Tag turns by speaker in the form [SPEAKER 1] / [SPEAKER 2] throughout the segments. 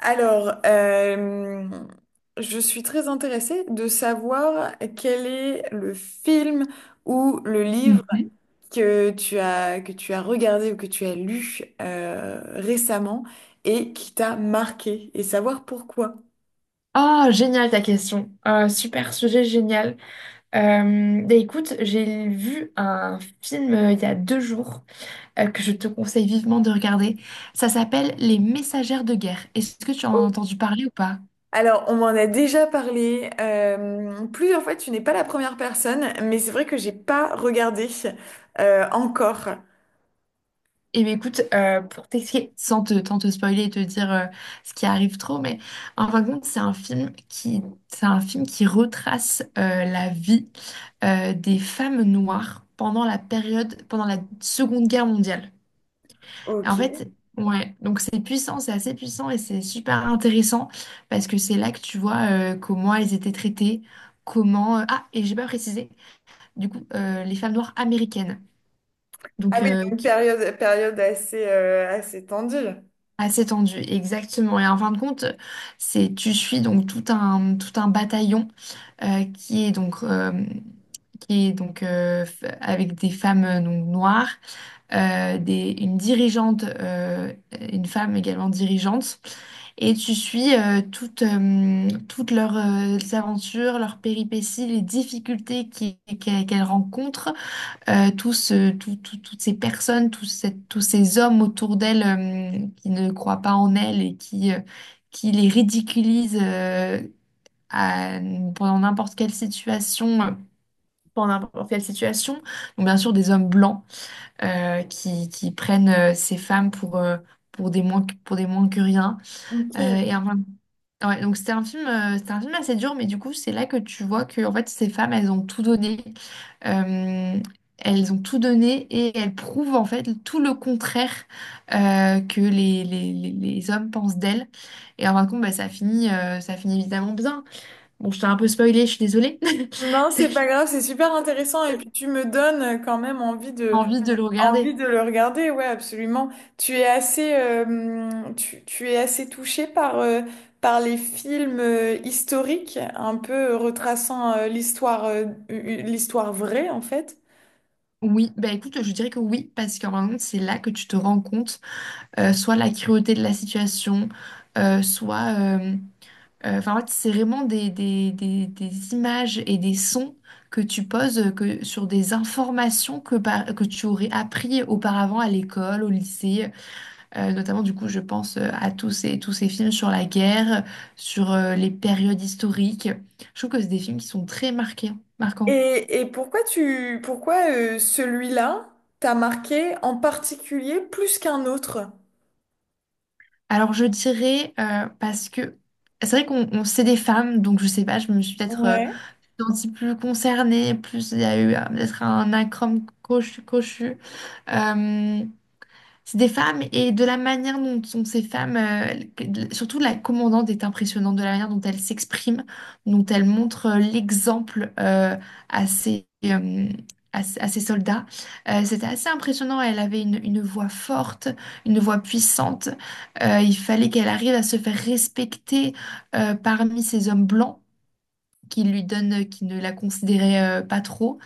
[SPEAKER 1] Alors, je suis très intéressée de savoir quel est le film ou le livre
[SPEAKER 2] Mhm.
[SPEAKER 1] que tu as regardé ou que tu as lu récemment et qui t'a marqué et savoir pourquoi.
[SPEAKER 2] Ah, génial ta question. Super sujet, génial. Écoute, j'ai vu un film il y a deux jours que je te conseille vivement de regarder. Ça s'appelle Les Messagères de guerre. Est-ce que tu en as
[SPEAKER 1] Oh.
[SPEAKER 2] entendu parler ou pas?
[SPEAKER 1] Alors, on m'en a déjà parlé plusieurs fois, tu n'es pas la première personne, mais c'est vrai que j'ai pas regardé encore.
[SPEAKER 2] Eh bien écoute, pour t'expliquer, sans te spoiler et te dire ce qui arrive trop, mais en fin de compte, c'est un film qui retrace la vie des femmes noires pendant pendant la Seconde Guerre mondiale. En fait,
[SPEAKER 1] Ok.
[SPEAKER 2] ouais, donc c'est puissant, c'est assez puissant et c'est super intéressant parce que c'est là que tu vois comment elles étaient traitées, Ah, et j'ai pas précisé, du coup, les femmes noires américaines,
[SPEAKER 1] Ah
[SPEAKER 2] donc
[SPEAKER 1] oui,
[SPEAKER 2] euh,
[SPEAKER 1] donc
[SPEAKER 2] qui...
[SPEAKER 1] période assez, assez tendue.
[SPEAKER 2] assez tendu, exactement. Et en fin de compte, c'est tu suis donc tout un bataillon euh, qui est donc... euh, qui est donc avec des femmes donc, noires, une dirigeante, une femme également dirigeante, et tu suis toutes, toutes leurs aventures, leurs péripéties, les difficultés qu'elles rencontrent, tous, ce- tout- tout- toutes ces personnes, tous ces hommes autour d'elles qui ne croient pas en elles et qui les ridiculisent à- pendant n'importe quelle situation, pendant n'importe quelle situation, donc bien sûr des hommes blancs qui prennent ces femmes pour, pour des moins que rien. Euh,
[SPEAKER 1] Ok.
[SPEAKER 2] et enfin, Ouais, donc c'était un film assez dur, mais du coup, c'est là que tu vois que en fait, ces femmes, elles ont tout donné. Euh, Elles ont tout donné et elles prouvent en fait tout le contraire que les hommes pensent d'elles. Et en fin de compte, bah, ça finit évidemment bien. Bon, je t'ai un peu spoilé, je suis désolée.
[SPEAKER 1] Non,
[SPEAKER 2] Ça
[SPEAKER 1] c'est pas
[SPEAKER 2] fait
[SPEAKER 1] grave, c'est super intéressant et puis tu me donnes quand même envie de
[SPEAKER 2] envie de le regarder.
[SPEAKER 1] envie de le regarder, ouais, absolument. Tu es assez touché par les films historiques, un peu retraçant l'histoire vraie en fait.
[SPEAKER 2] Oui, bah écoute, je dirais que oui, parce qu'en fin de compte, c'est là que tu te rends compte, soit la cruauté de la situation, soit. Enfin, en fait, c'est vraiment des images et des sons que tu poses sur des informations que tu aurais appris auparavant à l'école, au lycée. Notamment, du coup, je pense à tous ces films sur la guerre, sur les périodes historiques. Je trouve que c'est des films qui sont marquants.
[SPEAKER 1] Et pourquoi celui-là t'a marqué en particulier plus qu'un autre?
[SPEAKER 2] Alors, je dirais, parce que c'est vrai c'est des femmes, donc je sais pas, je me suis peut-être
[SPEAKER 1] Ouais.
[SPEAKER 2] sentis plus concernée, plus il y a eu peut-être un acrome cochu. Euh, c'est des femmes et de la manière dont sont ces femmes, surtout la commandante est impressionnante, de la manière dont elle s'exprime, dont elle montre l'exemple à ses, euh, à ses soldats. C'était assez impressionnant, elle avait une voix forte, une voix puissante. Il fallait qu'elle arrive à se faire respecter parmi ces hommes blancs qui lui donne, qui ne la considérait pas trop.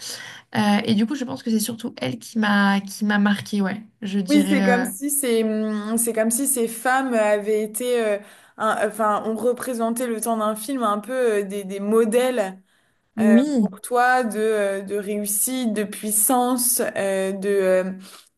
[SPEAKER 2] Et du coup, je pense que c'est surtout elle qui m'a marquée, ouais. Je
[SPEAKER 1] Oui, c'est comme
[SPEAKER 2] dirais
[SPEAKER 1] si ces, c'est comme si ces femmes avaient été, enfin, on représentait le temps d'un film un peu des modèles euh,
[SPEAKER 2] Oui.
[SPEAKER 1] pour toi de réussite, de puissance, euh, de, euh,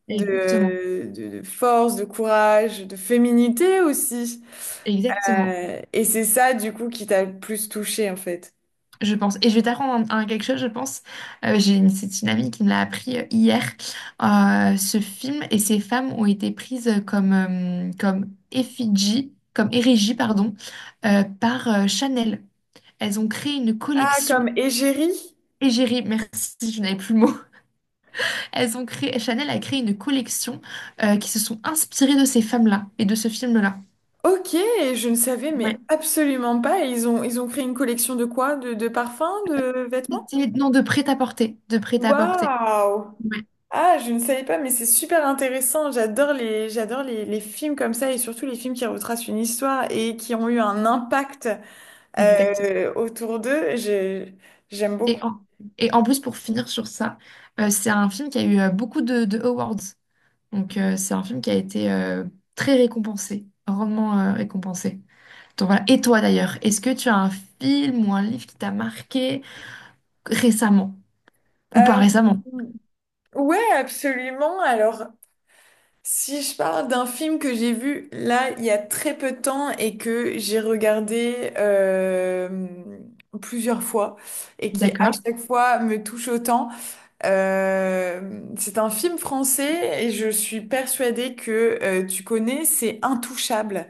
[SPEAKER 2] Exactement,
[SPEAKER 1] de, de, de force, de courage, de féminité aussi.
[SPEAKER 2] exactement.
[SPEAKER 1] Et c'est ça, du coup, qui t'a le plus touché, en fait.
[SPEAKER 2] Je pense. Et je vais t'apprendre un quelque chose, je pense. C'est une amie qui me l'a appris hier. Ce film et ces femmes ont été prises comme effigie, comme érigie, pardon, par Chanel. Elles ont créé une
[SPEAKER 1] Ah,
[SPEAKER 2] collection.
[SPEAKER 1] comme égérie?
[SPEAKER 2] Égérie, merci, je n'avais plus le mot. Chanel a créé une collection qui se sont inspirées de ces femmes-là et de ce film-là.
[SPEAKER 1] Ok, je ne savais
[SPEAKER 2] Ouais.
[SPEAKER 1] mais absolument pas. Ils ont créé une collection de quoi? De parfums, de vêtements?
[SPEAKER 2] Non, de prêt-à-porter.
[SPEAKER 1] Waouh!
[SPEAKER 2] Ouais,
[SPEAKER 1] Ah, je ne savais pas, mais c'est super intéressant. J'adore les films comme ça et surtout les films qui retracent une histoire et qui ont eu un impact
[SPEAKER 2] exactement.
[SPEAKER 1] autour d'eux. J'aime beaucoup.
[SPEAKER 2] Et en, et en plus, pour finir sur ça, c'est un film qui a eu beaucoup de awards. Donc, c'est un film qui a été très récompensé, grandement récompensé. Donc, voilà. Et toi d'ailleurs, est-ce que tu as un film ou un livre qui t'a marqué récemment ou pas
[SPEAKER 1] Euh,
[SPEAKER 2] récemment?
[SPEAKER 1] ouais, absolument. Alors, si je parle d'un film que j'ai vu là il y a très peu de temps et que j'ai regardé plusieurs fois et qui à
[SPEAKER 2] D'accord.
[SPEAKER 1] chaque fois me touche autant, c'est un film français et je suis persuadée que tu connais, c'est Intouchable.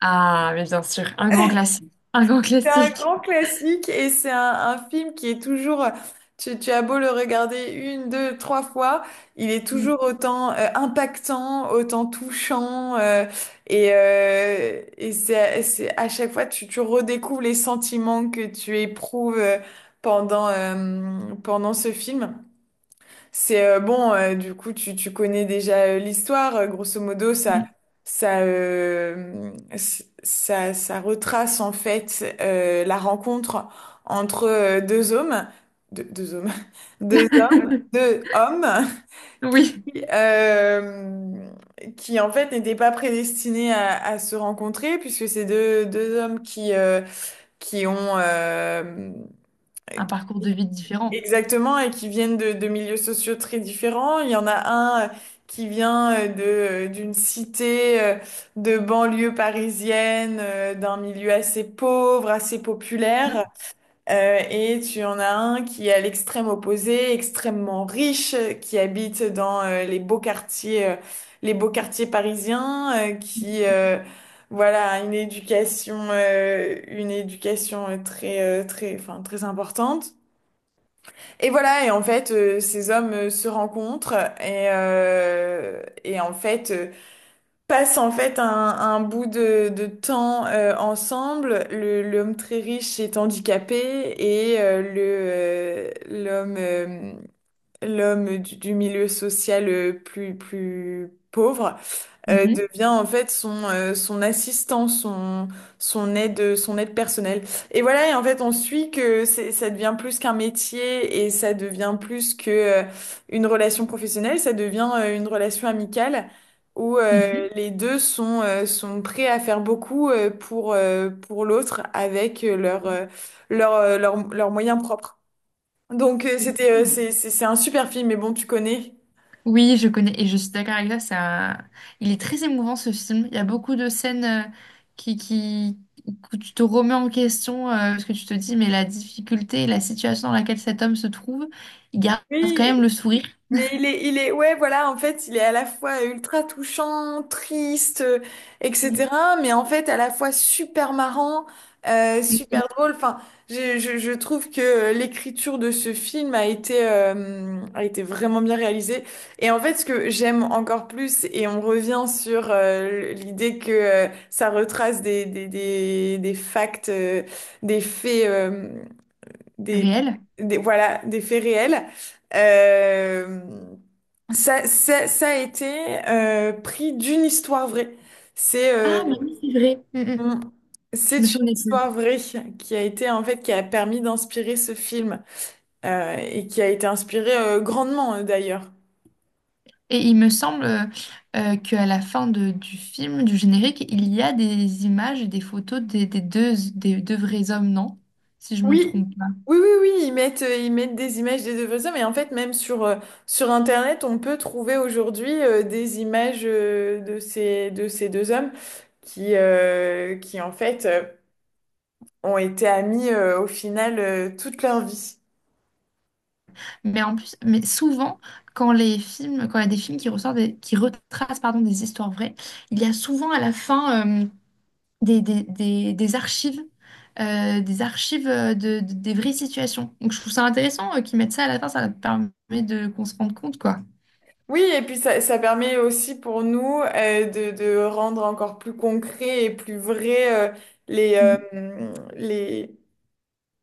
[SPEAKER 2] Ah, mais bien sûr, un grand classique. Un grand
[SPEAKER 1] C'est un
[SPEAKER 2] classique.
[SPEAKER 1] grand classique et c'est un film qui est toujours, tu as beau le regarder une, deux, trois fois, il est
[SPEAKER 2] Mmh,
[SPEAKER 1] toujours autant impactant, autant touchant et c'est à chaque fois tu redécouvres les sentiments que tu éprouves pendant ce film. C'est Bon, du coup, tu connais déjà l'histoire. Grosso modo, ça,
[SPEAKER 2] mmh.
[SPEAKER 1] ça, euh, c- ça, ça retrace en fait la rencontre entre deux hommes, deux, deux hommes, deux, deux hommes
[SPEAKER 2] Oui,
[SPEAKER 1] qui, euh, qui, en fait n'étaient pas prédestinés à se rencontrer puisque c'est deux hommes qui ont.
[SPEAKER 2] un parcours de vie différent.
[SPEAKER 1] Exactement, et qui viennent de milieux sociaux très différents. Il y en a un qui vient d'une cité de banlieue parisienne, d'un milieu assez pauvre, assez populaire.
[SPEAKER 2] Mmh,
[SPEAKER 1] Et tu en as un qui est à l'extrême opposé, extrêmement riche, qui habite dans les beaux quartiers parisiens, qui voilà a une éducation très, très, enfin très importante. Et voilà, et en fait, ces hommes se rencontrent et en fait passent en fait un bout de temps ensemble. L'homme très riche est handicapé et le l'homme l'homme du milieu social plus pauvre
[SPEAKER 2] mmh,
[SPEAKER 1] devient en fait son assistant, son aide personnelle. Et voilà, et en fait, on suit que ça devient plus qu'un métier et ça devient plus que, une relation professionnelle, ça devient, une relation amicale où,
[SPEAKER 2] mmh, mmh,
[SPEAKER 1] les deux sont prêts à faire beaucoup, pour l'autre avec leurs moyens propres. Donc, c'était,
[SPEAKER 2] mmh.
[SPEAKER 1] c'est un super film, mais bon, tu connais.
[SPEAKER 2] Oui, je connais et je suis d'accord avec toi. Ça, il est très émouvant ce film. Il y a beaucoup de scènes qui, qui, où tu te remets en question parce que tu te dis, mais la situation dans laquelle cet homme se trouve, il garde quand
[SPEAKER 1] Oui.
[SPEAKER 2] même le sourire.
[SPEAKER 1] Mais ouais, voilà, en fait, il est à la fois ultra touchant, triste,
[SPEAKER 2] Mmh,
[SPEAKER 1] etc. Mais en fait, à la fois super marrant,
[SPEAKER 2] mmh,
[SPEAKER 1] super drôle. Enfin, je trouve que l'écriture de ce film a été vraiment bien réalisée. Et en fait, ce que j'aime encore plus, et on revient sur l'idée que ça retrace des faits. Des,
[SPEAKER 2] réel.
[SPEAKER 1] voilà, des faits réels. Euh, ça a été pris d'une histoire vraie. C'est euh,
[SPEAKER 2] Ah, mais oui, c'est vrai. Mmh, mmh.
[SPEAKER 1] on- c'est
[SPEAKER 2] Je me
[SPEAKER 1] une
[SPEAKER 2] souvenais plus.
[SPEAKER 1] histoire vraie qui a été en fait, qui a permis d'inspirer ce film et qui a été inspiré grandement d'ailleurs.
[SPEAKER 2] Et il me semble qu'à la fin du film, du générique, il y a des images et des photos des deux vrais hommes, non? Si je me
[SPEAKER 1] Oui,
[SPEAKER 2] trompe pas.
[SPEAKER 1] oui, oui, oui, ils mettent des images des œuvres d'art, mais en fait, même sur Internet, on peut trouver aujourd'hui des images de ces deux hommes qui en fait, ont été amis au final toute leur vie.
[SPEAKER 2] Mais en plus, mais souvent, quand il y a des films qui qui retracent, pardon, des histoires vraies, il y a souvent à la fin euh, des archives, des archives des vraies situations. Donc je trouve ça intéressant qu'ils mettent ça à la fin, ça permet de qu'on se rende compte, quoi,
[SPEAKER 1] Oui, et puis ça permet aussi pour nous de rendre encore plus concret et plus vrai les, euh, les,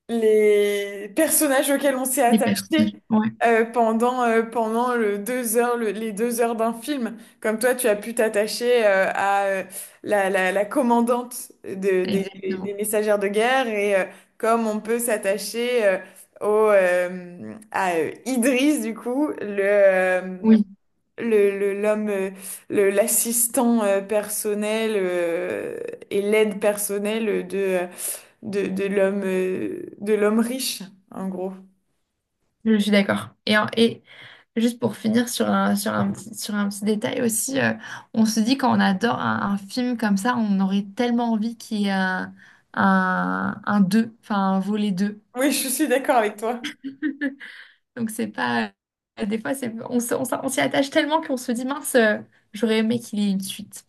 [SPEAKER 1] les personnages auxquels on s'est
[SPEAKER 2] des
[SPEAKER 1] attaché
[SPEAKER 2] personnages. Ouais,
[SPEAKER 1] pendant le deux heures, le- les deux heures d'un film. Comme toi, tu as pu t'attacher à la commandante des
[SPEAKER 2] exactement.
[SPEAKER 1] messagères de guerre et comme on peut s'attacher à Idriss, du coup,
[SPEAKER 2] Oui.
[SPEAKER 1] L'homme, l'assistant personnel et l'aide personnelle de l'homme riche, en gros.
[SPEAKER 2] Je suis d'accord. Et juste pour finir sur un petit détail aussi, on se dit quand on adore un film comme ça, on aurait tellement envie qu'il y ait un 2, enfin un volet 2.
[SPEAKER 1] Oui, je suis d'accord avec toi.
[SPEAKER 2] Donc c'est pas... Des fois, on s'y attache tellement qu'on se dit, mince, j'aurais aimé qu'il y ait une suite.